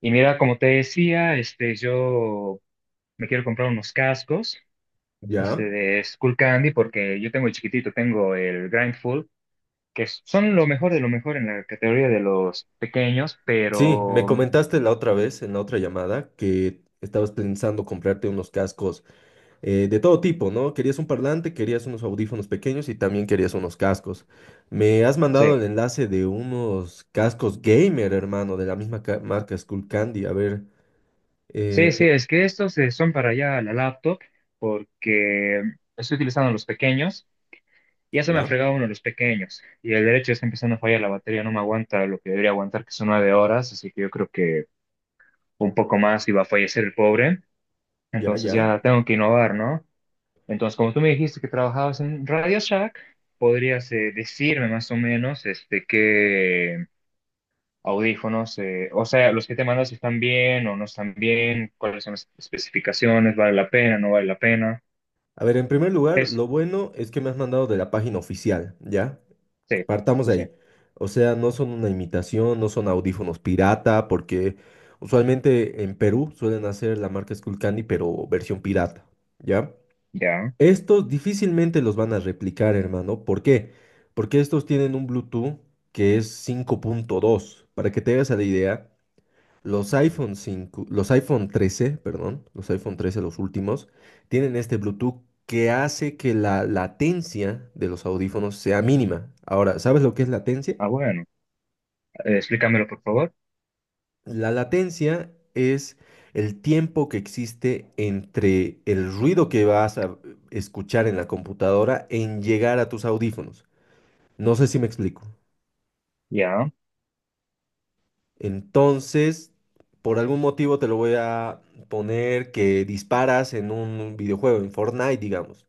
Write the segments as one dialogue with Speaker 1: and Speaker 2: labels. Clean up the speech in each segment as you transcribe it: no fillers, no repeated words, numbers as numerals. Speaker 1: Y mira, como te decía, yo me quiero comprar unos cascos,
Speaker 2: Ya.
Speaker 1: de Skullcandy, porque yo tengo el chiquitito, tengo el Grindful, que son lo mejor de lo mejor en la categoría de los pequeños,
Speaker 2: Sí, me
Speaker 1: pero
Speaker 2: comentaste la otra vez, en la otra llamada, que estabas pensando comprarte unos cascos de todo tipo, ¿no? Querías un parlante, querías unos audífonos pequeños y también querías unos cascos. Me has mandado
Speaker 1: sí,
Speaker 2: el enlace de unos cascos gamer, hermano, de la misma marca Skullcandy. A ver, eh,
Speaker 1: sí,
Speaker 2: eh,
Speaker 1: es que estos son para allá la laptop, porque estoy utilizando los pequeños, y ya se me ha
Speaker 2: ya,
Speaker 1: fregado uno de los pequeños, y el derecho está empezando a fallar la batería, no me aguanta lo que debería aguantar, que son 9 horas, así que yo creo que un poco más y va a fallecer el pobre.
Speaker 2: ya,
Speaker 1: Entonces
Speaker 2: ya.
Speaker 1: ya tengo que innovar, ¿no? Entonces, como tú me dijiste que trabajabas en Radio Shack, podrías decirme más o menos qué audífonos, o sea, los que te mandas si están bien o no están bien, cuáles son las especificaciones, vale la pena, no vale la pena.
Speaker 2: A ver, en primer lugar,
Speaker 1: Es,
Speaker 2: lo bueno es que me has mandado de la página oficial, ¿ya?
Speaker 1: sí,
Speaker 2: Partamos
Speaker 1: sí,
Speaker 2: de
Speaker 1: sí,
Speaker 2: ahí. O sea, no son una imitación, no son audífonos pirata, porque usualmente en Perú suelen hacer la marca Skullcandy, pero versión pirata, ¿ya?
Speaker 1: ya.
Speaker 2: Estos difícilmente los van a replicar, hermano. ¿Por qué? Porque estos tienen un Bluetooth que es cinco punto dos. Para que te hagas a la idea, los iPhone cinco, los iPhone trece, los últimos, tienen este Bluetooth que hace que la latencia de los audífonos sea mínima. Ahora, ¿sabes lo que es latencia?
Speaker 1: Ah, bueno. Explícamelo, por favor.
Speaker 2: La latencia es el tiempo que existe entre el ruido que vas a escuchar en la computadora en llegar a tus audífonos. No sé si me explico.
Speaker 1: Ya.
Speaker 2: Entonces, por algún motivo te lo voy a poner que disparas en un videojuego, en Fortnite, digamos.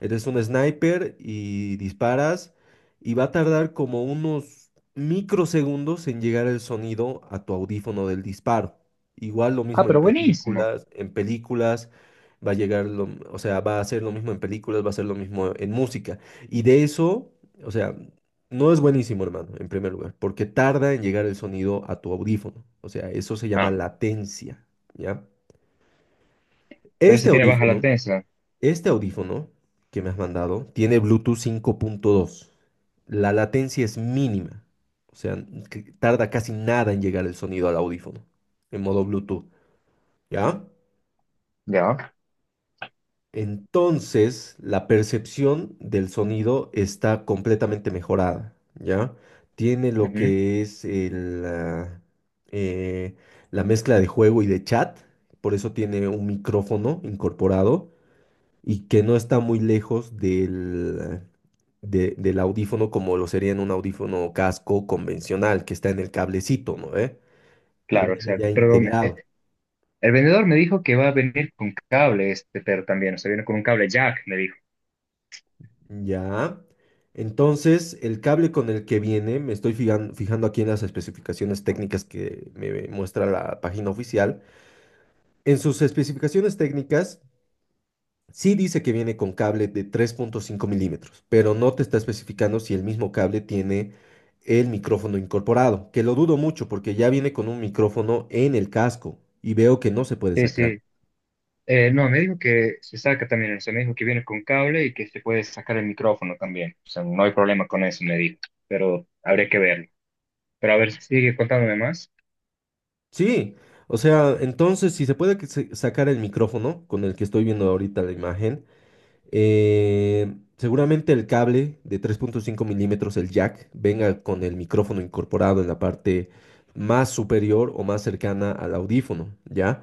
Speaker 2: Eres un sniper y disparas y va a tardar como unos microsegundos en llegar el sonido a tu audífono del disparo. Igual lo
Speaker 1: Ah,
Speaker 2: mismo
Speaker 1: pero buenísimo.
Speaker 2: en películas va a llegar o sea, va a ser lo mismo en películas, va a ser lo mismo en música. Y de eso, o sea, no es buenísimo, hermano, en primer lugar, porque tarda en llegar el sonido a tu audífono. O sea, eso se llama
Speaker 1: Ah,
Speaker 2: latencia, ¿ya?
Speaker 1: pero
Speaker 2: Este
Speaker 1: ese tiene baja
Speaker 2: audífono
Speaker 1: latencia.
Speaker 2: este audífono que me has mandado tiene Bluetooth cinco punto dos. La latencia es mínima. O sea, que tarda casi nada en llegar el sonido al audífono en modo Bluetooth, ¿ya?
Speaker 1: Ya.
Speaker 2: Entonces, la percepción del sonido está completamente mejorada, ¿ya? Tiene lo
Speaker 1: Ujú.
Speaker 2: que es eh, la mezcla de juego y de chat, por eso tiene un micrófono incorporado y que no está muy lejos del audífono como lo sería en un audífono casco convencional que está en el cablecito, ¿no? ¿Eh? Lo
Speaker 1: Claro,
Speaker 2: viene ya
Speaker 1: exacto. Pero
Speaker 2: integrado.
Speaker 1: el vendedor me dijo que va a venir con cable este pero también, o sea, viene con un cable jack, me dijo.
Speaker 2: Ya. Entonces, el cable con el que viene, me estoy fijando aquí en las especificaciones técnicas que me muestra la página oficial. En sus especificaciones técnicas sí dice que viene con cable de 3.5 milímetros, pero no te está especificando si el mismo cable tiene el micrófono incorporado, que lo dudo mucho porque ya viene con un micrófono en el casco y veo que no se puede
Speaker 1: Sí,
Speaker 2: sacar.
Speaker 1: sí. No, me dijo que se saca también, o sea, me dijo que viene con cable y que se puede sacar el micrófono también. O sea, no hay problema con eso, me dijo, pero habría que verlo. Pero a ver, sigue contándome más.
Speaker 2: Sí, o sea, entonces si se puede sacar el micrófono con el que estoy viendo ahorita la imagen, seguramente el cable de 3.5 milímetros, el jack, venga con el micrófono incorporado en la parte más superior o más cercana al audífono, ¿ya?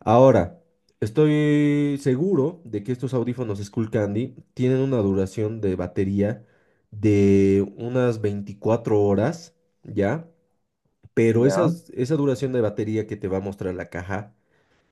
Speaker 2: Ahora, estoy seguro de que estos audífonos Skullcandy tienen una duración de batería de unas 24 horas, ¿ya? Pero
Speaker 1: Ya,
Speaker 2: esa duración de batería que te va a mostrar la caja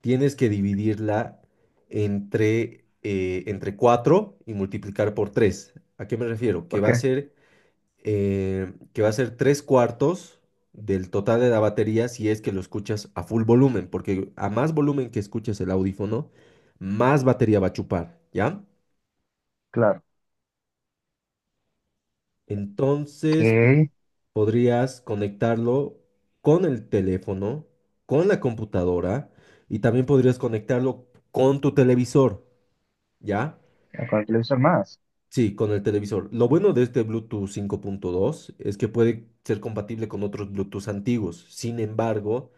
Speaker 2: tienes que dividirla entre, entre 4 y multiplicar por 3. ¿A qué me refiero? Que
Speaker 1: ¿por
Speaker 2: va a
Speaker 1: qué?
Speaker 2: ser, que va a ser 3 cuartos del total de la batería si es que lo escuchas a full volumen, porque a más volumen que escuches el audífono, más batería va a chupar, ¿ya?
Speaker 1: Claro.
Speaker 2: Entonces po-
Speaker 1: ¿Qué?
Speaker 2: Podrías conectarlo con el teléfono, con la computadora y también podrías conectarlo con tu televisor, ¿ya?
Speaker 1: Con el televisor más.
Speaker 2: Sí, con el televisor. Lo bueno de este Bluetooth 5.2 es que puede ser compatible con otros Bluetooth antiguos. Sin embargo,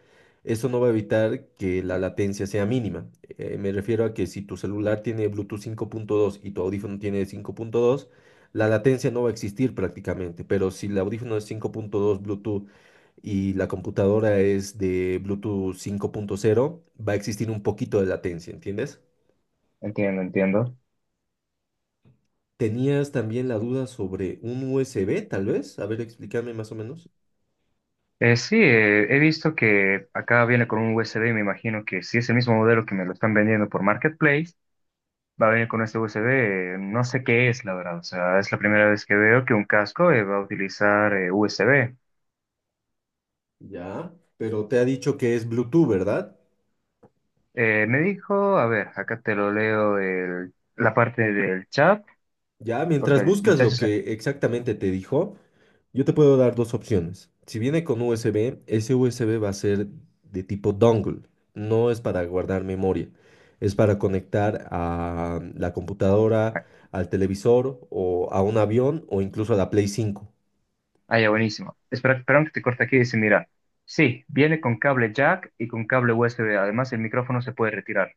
Speaker 2: eso no va a evitar que la latencia sea mínima. Me refiero a que si tu celular tiene Bluetooth 5.2 y tu audífono tiene 5.2, la latencia no va a existir prácticamente. Pero si el audífono es 5.2 Bluetooth y la computadora es de Bluetooth 5.0, va a existir un poquito de latencia, ¿entiendes?
Speaker 1: Entiendo, entiendo.
Speaker 2: Tenías también la duda sobre un USB, tal vez. A ver, explícame más o menos.
Speaker 1: Sí, he visto que acá viene con un USB, me imagino que si es el mismo modelo que me lo están vendiendo por Marketplace, va a venir con este USB. No sé qué es, la verdad. O sea, es la primera vez que veo que un casco va a utilizar USB.
Speaker 2: Ya, pero te ha dicho que es Bluetooth, ¿verdad?
Speaker 1: Me dijo, a ver, acá te lo leo la parte del chat,
Speaker 2: Ya,
Speaker 1: porque
Speaker 2: mientras
Speaker 1: el
Speaker 2: buscas lo
Speaker 1: muchacho se...
Speaker 2: que exactamente te dijo, yo te puedo dar dos opciones. Si viene con USB, ese USB va a ser de tipo dongle. No es para guardar memoria. Es para conectar a la computadora,
Speaker 1: Ah,
Speaker 2: al televisor o a un avión o incluso a la Play cinco.
Speaker 1: ya, buenísimo. Espera, perdón que te corte aquí. Dice, mira, sí, viene con cable jack y con cable USB. Además, el micrófono se puede retirar,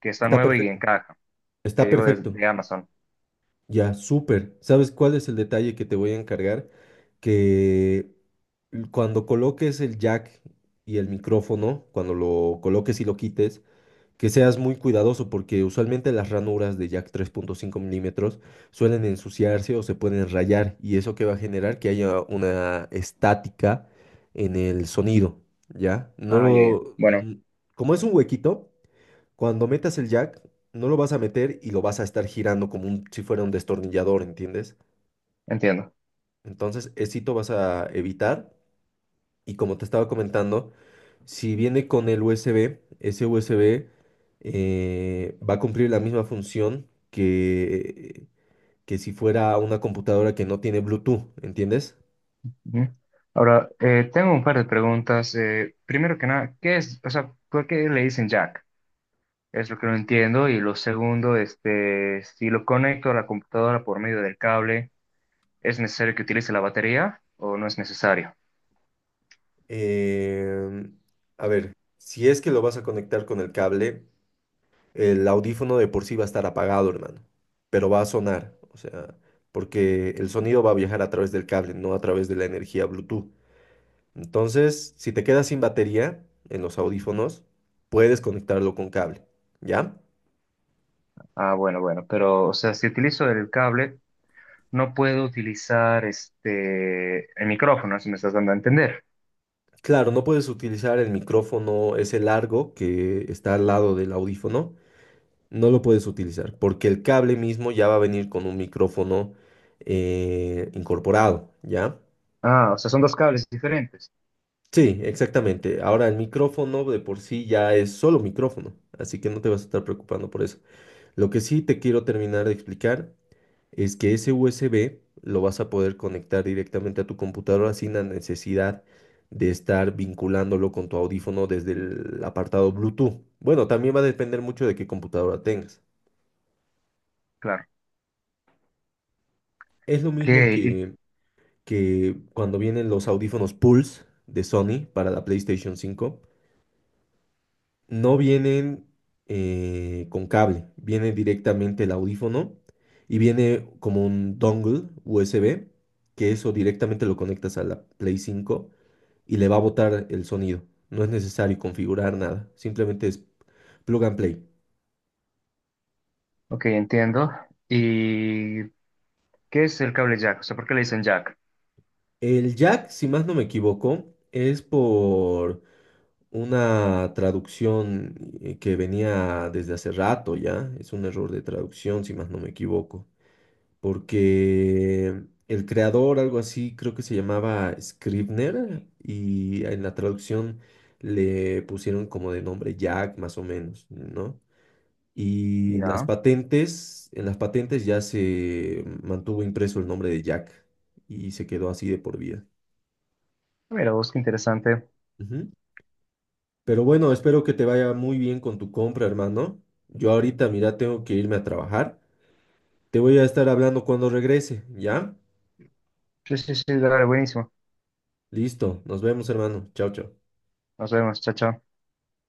Speaker 1: que está
Speaker 2: Está
Speaker 1: nuevo y en
Speaker 2: perfecto.
Speaker 1: caja, que
Speaker 2: Está
Speaker 1: llegó desde
Speaker 2: perfecto.
Speaker 1: de Amazon.
Speaker 2: Ya, súper. ¿Sabes cuál es el detalle que te voy a encargar? Que cuando coloques el jack y el micrófono, cuando lo coloques y lo quites, que seas muy cuidadoso porque usualmente las ranuras de jack tres punto cinco milímetros suelen ensuciarse o se pueden rayar y eso que va a generar que haya una estática en el sonido, ¿ya? No
Speaker 1: Ah, ya, ya.
Speaker 2: lo...
Speaker 1: Bueno,
Speaker 2: como es un huequito. Cuando metas el jack, no lo vas a meter y lo vas a estar girando como si fuera un destornillador, ¿entiendes?
Speaker 1: entiendo.
Speaker 2: Entonces, esito vas a evitar. Y como te estaba comentando, si viene con el USB, ese USB va a cumplir la misma función que si fuera una computadora que no tiene Bluetooth, ¿entiendes?
Speaker 1: Ujú. Ahora, tengo un par de preguntas. Primero que nada, ¿qué es, o sea, por qué le dicen jack? Es lo que no entiendo. Y lo segundo, si lo conecto a la computadora por medio del cable, ¿es necesario que utilice la batería o no es necesario?
Speaker 2: Em, a ver, si es que lo vas a conectar con el cable. El audífono de por sí va a estar apagado, hermano, pero va a sonar, o sea, porque el sonido va a viajar a través del cable, no a través de la energía Bluetooth. Entonces, si te quedas sin batería en los audífonos, puedes conectarlo con cable, ¿ya?
Speaker 1: Ah, bueno, pero, o sea, si utilizo el cable, no puedo utilizar el micrófono, si me estás dando a entender.
Speaker 2: Claro, no puedes utilizar el micrófono ese largo que está al lado del audífono, no lo puedes utilizar, porque el cable mismo ya va a venir con un micrófono incorporado, ¿ya?
Speaker 1: Ah, o sea, son dos cables diferentes.
Speaker 2: Sí, exactamente. Ahora el micrófono de por sí ya es solo micrófono, así que no te vas a estar preocupando por eso. Lo que sí te quiero terminar de explicar es que ese USB lo vas a poder conectar directamente a tu computadora sin la necesidad de estar vinculándolo con tu audífono desde el apartado Bluetooth. Bueno, también va a depender mucho de qué computadora tengas.
Speaker 1: Claro.
Speaker 2: Es lo
Speaker 1: Ok,
Speaker 2: mismo
Speaker 1: y-
Speaker 2: que cuando vienen los audífonos Pulse de Sony para la PlayStation 5. No vienen con cable, viene directamente el audífono y viene como un dongle USB, que eso directamente lo conectas a la Play 5 y le va a botar el sonido. No es necesario configurar nada, simplemente es plug and play.
Speaker 1: ok, entiendo. ¿Y qué es el cable jack? O sea, ¿por qué le dicen jack?
Speaker 2: El jack, si más no me equivoco, es por una traducción que venía desde hace rato ya, es un error de traducción, si más no me equivoco. Porque el creador, algo así, creo que se llamaba Scribner, y en la traducción le pusieron como de nombre Jack, más o menos, ¿no? Y las
Speaker 1: Ya,
Speaker 2: patentes, en las patentes ya se mantuvo impreso el nombre de Jack y se quedó así de por vida.
Speaker 1: mira vos, qué interesante.
Speaker 2: Ujú. Pero bueno, espero que te vaya muy bien con tu compra, hermano. Yo ahorita, mira, tengo que irme a trabajar. Te voy a estar hablando cuando regrese, ¿ya?
Speaker 1: Sí, sí, sí, dale, buenísimo.
Speaker 2: Listo, nos vemos, hermano. Chao, chao.
Speaker 1: Nos vemos, chao, chao.